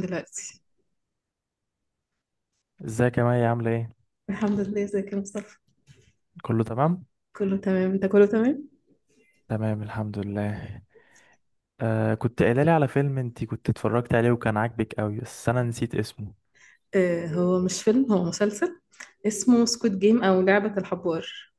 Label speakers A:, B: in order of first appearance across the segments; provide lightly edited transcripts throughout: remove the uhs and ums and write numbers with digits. A: دلوقتي.
B: ازيك يا مي عاملة ايه؟
A: الحمد لله، ازيك يا مصطفى؟
B: كله تمام؟
A: كله تمام، انت كله تمام.
B: تمام الحمد لله. كنت قايلة لي على فيلم انت كنت اتفرجت عليه وكان عاجبك قوي بس انا نسيت اسمه.
A: هو مش فيلم، هو مسلسل اسمه سكوت جيم او لعبة الحبار.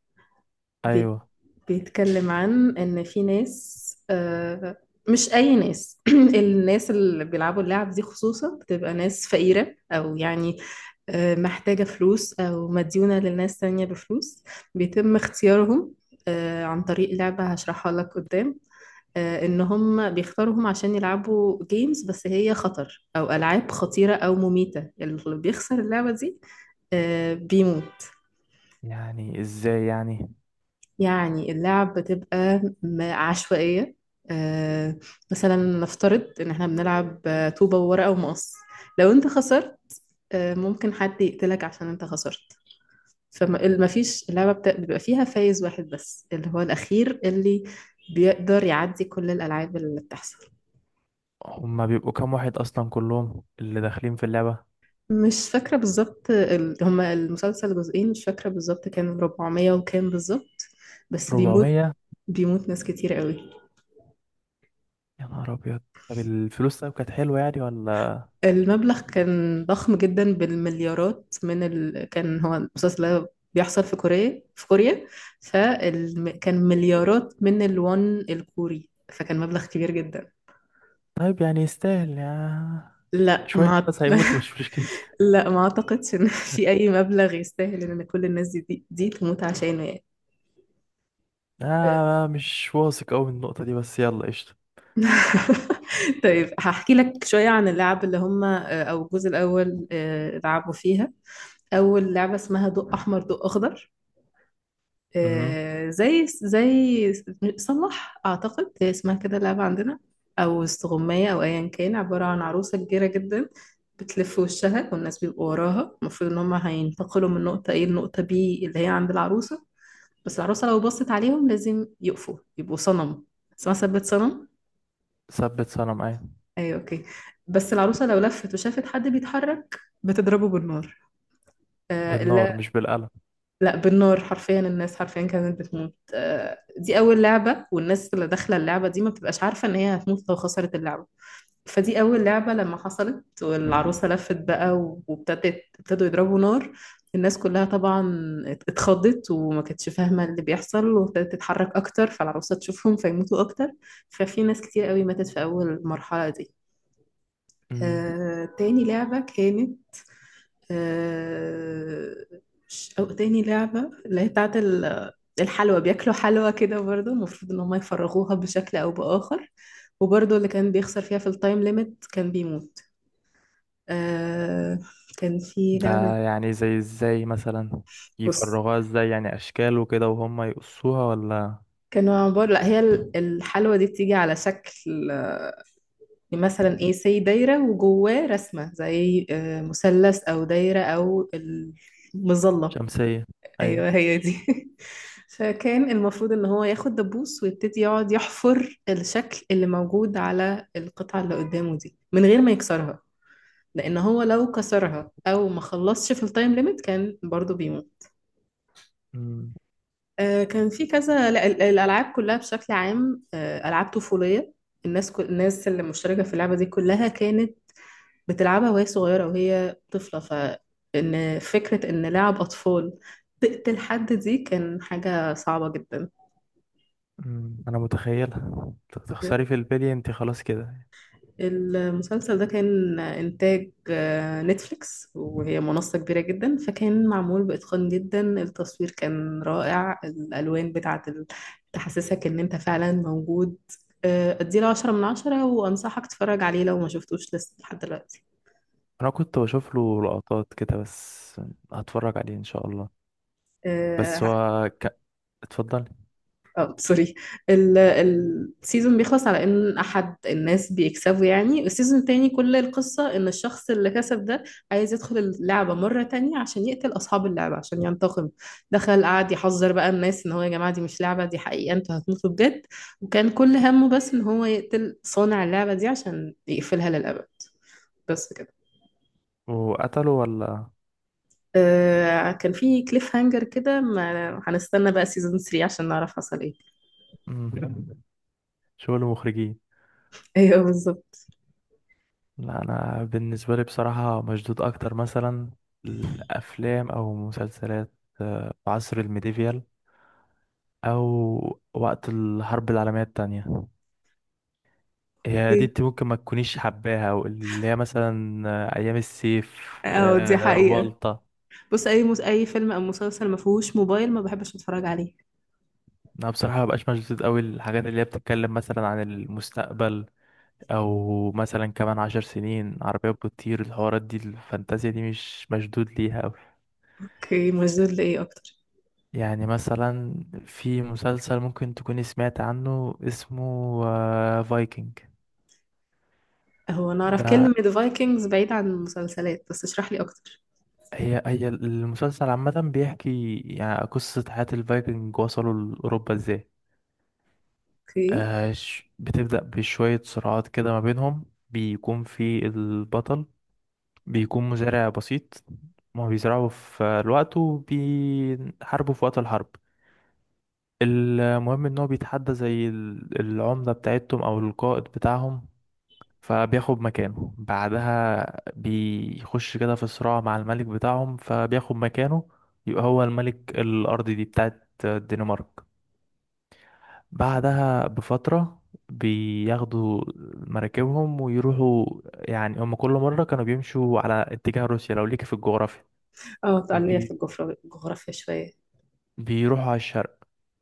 A: بي-
B: ايوه.
A: بيتكلم عن ان في ناس. آه مش اي ناس، الناس اللي بيلعبوا اللعب دي خصوصا بتبقى ناس فقيرة او يعني محتاجة فلوس او مديونة للناس تانية بفلوس. بيتم اختيارهم عن طريق لعبة هشرحها لك قدام. ان هم بيختاروهم عشان يلعبوا جيمز بس هي خطر او العاب خطيره او مميته، يعني اللي بيخسر اللعبه دي بيموت.
B: يعني ازاي يعني؟
A: يعني اللعب بتبقى عشوائيه. آه، مثلا نفترض ان احنا بنلعب طوبه وورقه ومقص. لو انت خسرت ممكن حد يقتلك عشان انت خسرت. فما فيش، اللعبه بيبقى فيها فايز واحد بس اللي هو الاخير اللي بيقدر يعدي كل الالعاب اللي بتحصل.
B: هما بيبقوا كام واحد اصلا كلهم اللي داخلين في اللعبة؟
A: مش فاكرة بالظبط، هما المسلسل جزئين، مش فاكرة بالظبط كان 400 وكام بالظبط، بس بيموت.
B: 400؟
A: بيموت ناس كتير قوي.
B: يا نهار ابيض. طب الفلوس طيب كانت حلوة يعني ولا؟
A: المبلغ كان ضخم جدا بالمليارات، كان هو المسلسل ده بيحصل في كوريا في كوريا. فكان مليارات من الون الكوري، فكان مبلغ كبير جدا.
B: طيب يعني يستاهل يا
A: لا،
B: شوية
A: ما أعت-
B: ناس هيموتوا مش مشكلة؟
A: لا ما اعتقدش ان في اي مبلغ يستاهل ان كل الناس دي تموت عشانه يعني.
B: مش واثق قوي من النقطة دي، بس يلا قشطة.
A: طيب هحكي لك شوية عن اللعب اللي هم أو الجزء الأول لعبوا فيها. أول لعبة اسمها ضوء أحمر ضوء أخضر.
B: مهم.
A: زي صلح أعتقد هي اسمها كده اللعبة عندنا، أو استغماية أو أيا كان. عبارة عن عروسة كبيرة جدا بتلف وشها، والناس بيبقوا وراها. المفروض إن هم هينتقلوا من نقطة A لنقطة B اللي هي عند العروسة. بس العروسة لو بصت عليهم لازم يقفوا يبقوا صنم، اسمها ثبت صنم.
B: ثبت صنم، ايوه.
A: ايوه اوكي. بس العروسه لو لفت وشافت حد بيتحرك بتضربه بالنار. آه،
B: بالنار
A: لا،
B: مش بالقلم؟
A: لا بالنار حرفيا، الناس حرفيا كانت بتموت. دي اول لعبه، والناس اللي داخله اللعبه دي ما بتبقاش عارفه ان هي هتموت لو خسرت اللعبه. فدي اول لعبه لما حصلت والعروسه لفت بقى وابتدت ابتدوا يضربوا نار. الناس كلها طبعا اتخضت وما كانتش فاهمه اللي بيحصل، وابتدت تتحرك اكتر فالعروسه تشوفهم فيموتوا اكتر. ففي ناس كتير قوي ماتت في اول المرحله دي. تاني لعبة كانت آه، مش- أو تاني لعبة اللي هي بتاعت الحلوى، بياكلوا حلوى كده برضه. المفروض إن هما يفرغوها بشكل أو بآخر، وبرضه اللي كان بيخسر فيها في التايم ليميت كان بيموت. آه، كان في لعبة.
B: ده يعني زي ازاي مثلا؟
A: بص،
B: يفرغوها ازاي يعني؟ اشكال وكده وهم يقصوها ولا؟
A: كانوا عبارة، لا هي الحلوى دي بتيجي على شكل مثلا ايه سي دايرة وجواه رسمة زي مثلث أو دايرة أو المظلة.
B: شمسية. ايوه.
A: ايوه هي دي. فكان المفروض ان هو ياخد دبوس ويبتدي يقعد يحفر الشكل اللي موجود على القطعة اللي قدامه دي من غير ما يكسرها، لان هو لو كسرها او ما خلصش في التايم ليميت كان برضو بيموت.
B: امم.
A: كان في كذا، لا، الالعاب كلها بشكل عام العاب طفولية. الناس، كل الناس اللي مشتركة في اللعبة دي كلها كانت بتلعبها وهي صغيرة وهي طفلة. فان فكرة ان لعب اطفال تقتل حد دي كان حاجة صعبة جدا.
B: أمم، انا متخيلها تخسري في البلي انت خلاص كده.
A: المسلسل ده كان إنتاج نتفليكس وهي منصة كبيرة جدا، فكان معمول بإتقان جدا. التصوير كان رائع، الألوان بتاعة تحسسك إن أنت فعلا موجود. أديله 10 من 10، وأنصحك تتفرج عليه لو ما شفتوش لسه لحد دلوقتي.
B: انا كنت بشوف له لقطات كده بس. هتفرج عليه ان شاء الله. بس
A: آه،
B: هو اتفضلي.
A: اه سوري. السيزون بيخلص على ان احد الناس بيكسبوا، يعني السيزون التاني كل القصة ان الشخص اللي كسب ده عايز يدخل اللعبة مرة تانية عشان يقتل اصحاب اللعبة عشان ينتقم. دخل قعد يحذر بقى الناس ان هو يا جماعة، دي مش لعبة، دي حقيقة، انتوا هتموتوا بجد. وكان كل همه بس ان هو يقتل صانع اللعبة دي عشان يقفلها للأبد، بس كده.
B: وقتله ولا؟
A: كان في كليف هانجر كده، ما هنستنى بقى سيزون 3 عشان نعرف حصل ايه.
B: أمم. شغل مخرجين.
A: ايوه بالظبط.
B: لا، انا بالنسبه لي بصراحه مشدود اكتر مثلا الافلام او مسلسلات في عصر الميديفيال او وقت الحرب العالميه التانية. هي دي
A: ايه،
B: انت ممكن ما تكونيش حباها، واللي هي مثلا ايام السيف،
A: اه دي حقيقة.
B: بلطة.
A: بص، اي اي فيلم او مسلسل ما فيهوش موبايل ما بحبش اتفرج عليه.
B: انا بصراحه مبقاش مشدود قوي الحاجات اللي هي بتتكلم مثلا عن المستقبل، او مثلا كمان عشر سنين عربيات بتطير، الحوارات دي الفانتازيا دي مش مشدود ليها قوي.
A: اوكي، مشدود لإيه أكتر؟
B: يعني مثلا في مسلسل ممكن تكوني سمعت عنه، اسمه فايكنج.
A: هو انا اعرف
B: ده
A: كلمة فايكنجز بعيد عن المسلسلات، بس اشرح لي اكتر.
B: هي المسلسل عامة بيحكي يعني قصة حياة الفايكنج وصلوا لأوروبا ازاي.
A: اوكي.
B: بتبدأ بشوية صراعات كده ما بينهم، بيكون في البطل بيكون مزارع بسيط، ما بيزرعوا في الوقت وبيحاربوا في وقت الحرب. المهم ان هو بيتحدى زي العمدة بتاعتهم او القائد بتاعهم، فبياخد مكانه. بعدها بيخش كده في صراع مع الملك بتاعهم فبياخد مكانه، يبقى هو الملك. الأرض دي بتاعت الدنمارك. بعدها بفترة بياخدوا مراكبهم ويروحوا، يعني هم كل مرة كانوا بيمشوا على اتجاه روسيا لو ليك في الجغرافيا.
A: اه تعالي في
B: بي...
A: الجغرافيا، شوية.
B: بيروحوا على الشرق،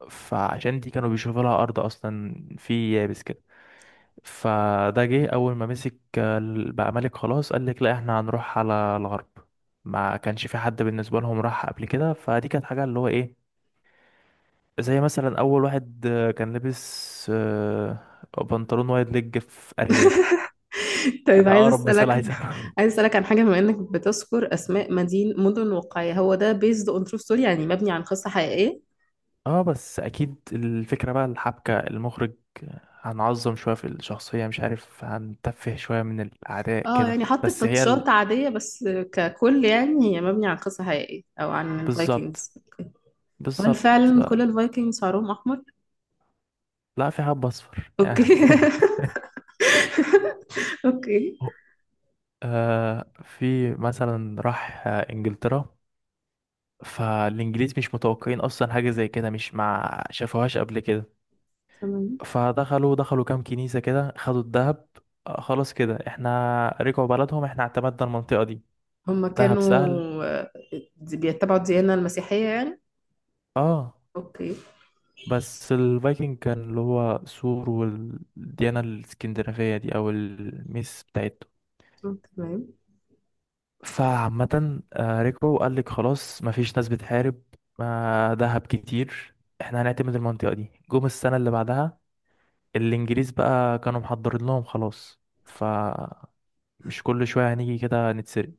B: فعشان دي كانوا بيشوفوا لها أرض أصلا في يابس كده. فده جه اول ما مسك بقى ملك، خلاص قال لك لا احنا هنروح على الغرب. ما كانش في حد بالنسبه لهم راح قبل كده، فدي كانت حاجه اللي هو ايه، زي مثلا اول واحد كان لابس بنطلون وايد ليج في ارياف.
A: طيب
B: ده
A: عايز
B: اقرب مثال
A: اسالك،
B: عايز أقوله.
A: عايز اسالك عن حاجة. بما انك بتذكر اسماء مدن واقعية، هو ده بيزد اون ترو ستوري يعني مبني عن قصة حقيقية؟
B: اه، بس اكيد الفكره بقى الحبكه المخرج هنعظم شويه في الشخصيه، مش عارف هنتفه شويه من الاعداء
A: اه
B: كده،
A: يعني حط
B: بس هي
A: تاتشات عادية بس، ككل يعني هي مبني عن قصة حقيقية او عن
B: بالظبط،
A: الفايكنجز؟ هل
B: بالظبط.
A: فعلا
B: لا.
A: كل الفايكنجز شعرهم احمر؟
B: لا، في حب اصفر
A: اوكي.
B: يعني.
A: اوكي.
B: آه في مثلا راح انجلترا، فالانجليز مش متوقعين اصلا حاجه زي كده، مش ما شافوهاش قبل كده،
A: تمام.
B: فدخلوا كام كنيسه كده خدوا الذهب. آه خلاص كده احنا رجعوا بلدهم، احنا اعتمدنا المنطقه دي.
A: هم
B: ذهب
A: كانوا
B: سهل.
A: آه، بيتبعوا الديانة المسيحية يعني؟
B: اه.
A: اوكي.
B: بس الفايكنج كان اللي هو سور، والديانه الاسكندنافيه دي او الميس بتاعتهم.
A: تمام.
B: فعامة ركبوا وقال لك خلاص مفيش ناس بتحارب، دهب كتير، احنا هنعتمد المنطقة دي. جم السنة اللي بعدها، الإنجليز بقى كانوا محضرين لهم، خلاص فمش كل شوية هنيجي كده نتسرق.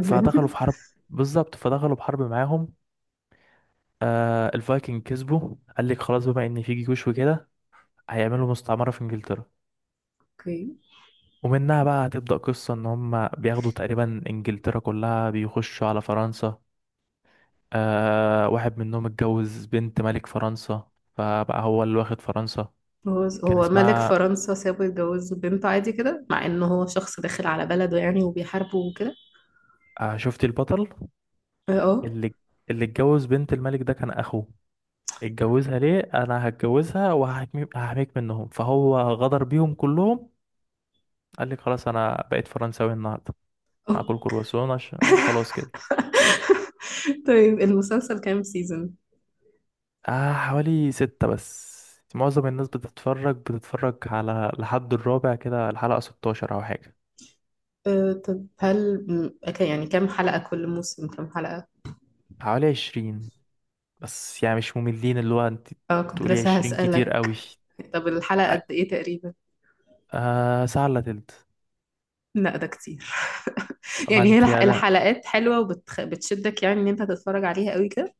B: فدخلوا في حرب. بالظبط، فدخلوا بحرب معاهم. آه الفايكنج كسبوا، قال لك خلاص بما إن في جيوش وكده هيعملوا مستعمرة في إنجلترا.
A: اوكي.
B: ومنها بقى هتبدأ قصة إن هم بياخدوا تقريبا إنجلترا كلها، بيخشوا على فرنسا. آه واحد منهم اتجوز بنت ملك فرنسا، فبقى هو اللي واخد فرنسا.
A: هو
B: كان
A: هو ملك
B: اسمها
A: فرنسا سابه يتجوز بنته عادي كده، مع انه هو شخص داخل على بلده يعني وبيحاربه وكده؟
B: آه، شفتي البطل
A: اه. آه.
B: اللي اتجوز بنت الملك ده كان اخوه. اتجوزها ليه؟ انا هتجوزها وهحميك، هحميك منهم، فهو غدر بيهم كلهم. قال لك خلاص انا بقيت فرنساوي النهارده،
A: آه.
B: هاكل كرواسون عشان خلاص كده.
A: طيب المسلسل كام سيزون؟
B: آه حوالي ستة بس، معظم الناس بتتفرج على لحد الرابع كده، الحلقة 16 أو حاجة.
A: آه، طب هل يعني كام حلقة كل موسم، كام حلقة؟
B: حوالي 20، بس يعني مش مملين. اللي هو انت
A: اه كنت
B: تقولي
A: لسه
B: عشرين كتير
A: هسألك.
B: قوي.
A: طب الحلقة قد ايه تقريبا؟
B: آه ساعة الا تلت.
A: لا ده كتير.
B: ما
A: يعني هي
B: انت يا لا.
A: الحلقات حلوة وبتشدك يعني ان انت هتتفرج عليها قوي كده؟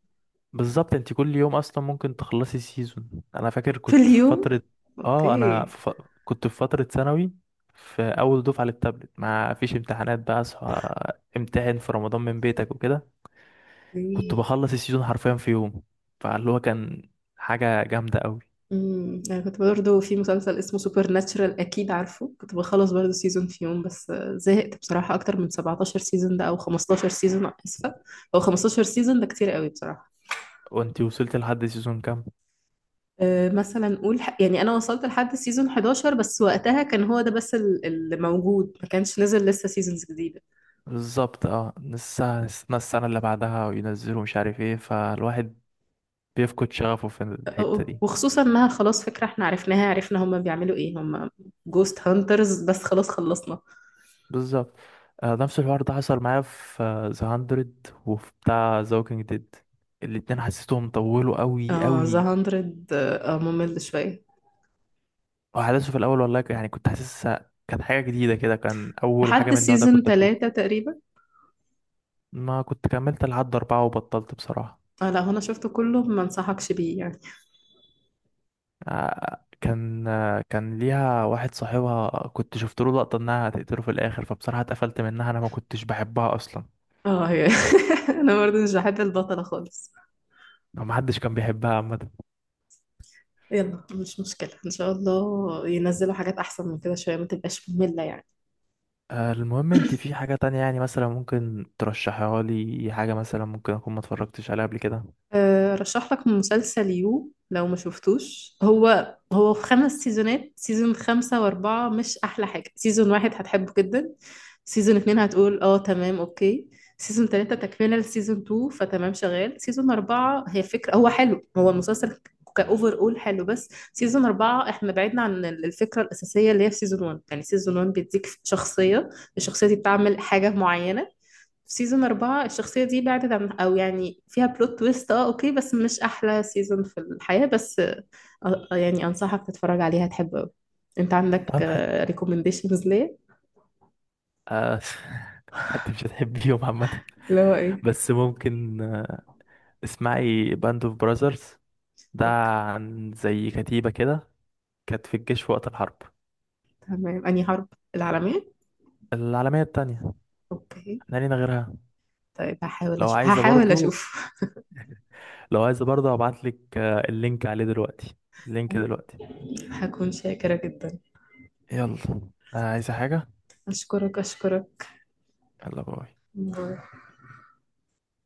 B: بالظبط، انت كل يوم اصلا ممكن تخلصي سيزون. انا فاكر
A: في
B: كنت في
A: اليوم.
B: فترة، اه انا
A: اوكي.
B: كنت في فترة ثانوي، في اول دفعة للتابلت، ما فيش امتحانات بقى، اصحى امتحن في رمضان من بيتك وكده. كنت
A: اوكي.
B: بخلص السيزون حرفيا في يوم، فاللي هو كان حاجة جامدة قوي.
A: امم، انا كنت برضه في مسلسل اسمه سوبر ناتشرال اكيد عارفه، كنت بخلص برضه سيزون في يوم، بس زهقت بصراحة، اكتر من 17 سيزون ده او 15 سيزون، اسفة، او 15 سيزون ده كتير قوي بصراحة.
B: وانت وصلت لحد سيزون كام؟
A: أه، مثلا نقول يعني انا وصلت لحد سيزون 11 بس، وقتها كان هو ده بس اللي موجود، ما كانش نزل لسه سيزونز.
B: بالظبط. اه، السنة اللي بعدها وينزلوا مش عارف ايه، فالواحد بيفقد شغفه في الحتة دي.
A: وخصوصا انها خلاص فكرة احنا عرفناها، عرفنا هما بيعملوا ايه، هما جوست هانترز بس، خلاص خلصنا.
B: بالظبط. آه نفس الحوار ده حصل معايا في ذا هاندرد، وفي بتاع ذا ووكينج ديد. الاتنين حسيتهم طولوا قوي
A: اه ذا
B: قوي.
A: هاندرد، اه ممل شوية،
B: وأحداثه في الأول والله يعني كنت حاسسها كانت حاجة جديدة كده، كان أول حاجة
A: لحد
B: من النوع ده
A: سيزون
B: كنت أشوفه.
A: ثلاثة تقريبا.
B: ما كنت كملت لحد أربعة وبطلت بصراحة.
A: اه، لا، هنا شفته كله، ما انصحكش بيه يعني.
B: كان ليها واحد صاحبها كنت شفت له لقطة انها هتقتله في الاخر، فبصراحة اتقفلت منها، انا ما كنتش بحبها اصلا،
A: اه هي. انا برضه مش بحب البطلة خالص.
B: او ما حدش كان بيحبها عامة.
A: يلا مش مشكلة، ان شاء الله ينزلوا حاجات احسن من كده شوية، ما تبقاش مملة يعني.
B: المهم انت في حاجة تانية يعني مثلا ممكن ترشحها لي؟ حاجة مثلا ممكن اكون ما اتفرجتش عليها قبل كده.
A: أه، رشح لك مسلسل يو لو ما شفتوش، هو هو في خمس سيزونات. سيزون خمسة وأربعة مش أحلى حاجة. سيزون واحد هتحبه جدا. سيزون اتنين هتقول اه تمام اوكي. سيزون تلاتة تكملة لسيزون تو فتمام شغال. سيزون أربعة هي فكرة، هو حلو، هو المسلسل كأوفر أول حلو، بس سيزون أربعة احنا بعدنا عن الفكرة الأساسية اللي هي في سيزون ون. يعني سيزون ون بيديك شخصية، الشخصية دي بتعمل حاجة معينة. في سيزون أربعة الشخصية دي بعدت عن، أو يعني فيها بلوت تويست، اه اوكي، بس مش أحلى سيزون في الحياة، بس يعني أنصحك تتفرج عليها تحب أوي. أنت عندك
B: طب ح...
A: ريكومنديشنز ليه؟
B: آه، انت مش هتحبيهم عامة،
A: اللي هو إيه؟
B: بس ممكن اسمعي باند اوف براذرز. ده
A: اوكي.
B: عن زي كتيبة كده كانت في الجيش في وقت الحرب
A: تمام، أنهي حرب، العالمية؟
B: العالمية التانية.
A: اوكي.
B: احنا لينا غيرها.
A: طيب هحاول
B: لو
A: أشوف،
B: عايزة
A: هحاول
B: برضو،
A: أشوف.
B: هبعت لك اللينك عليه دلوقتي، اللينك دلوقتي.
A: هكون شاكرة جدا.
B: يلا، عايزة حاجة؟
A: أشكرك أشكرك.
B: يلا باي.
A: باي.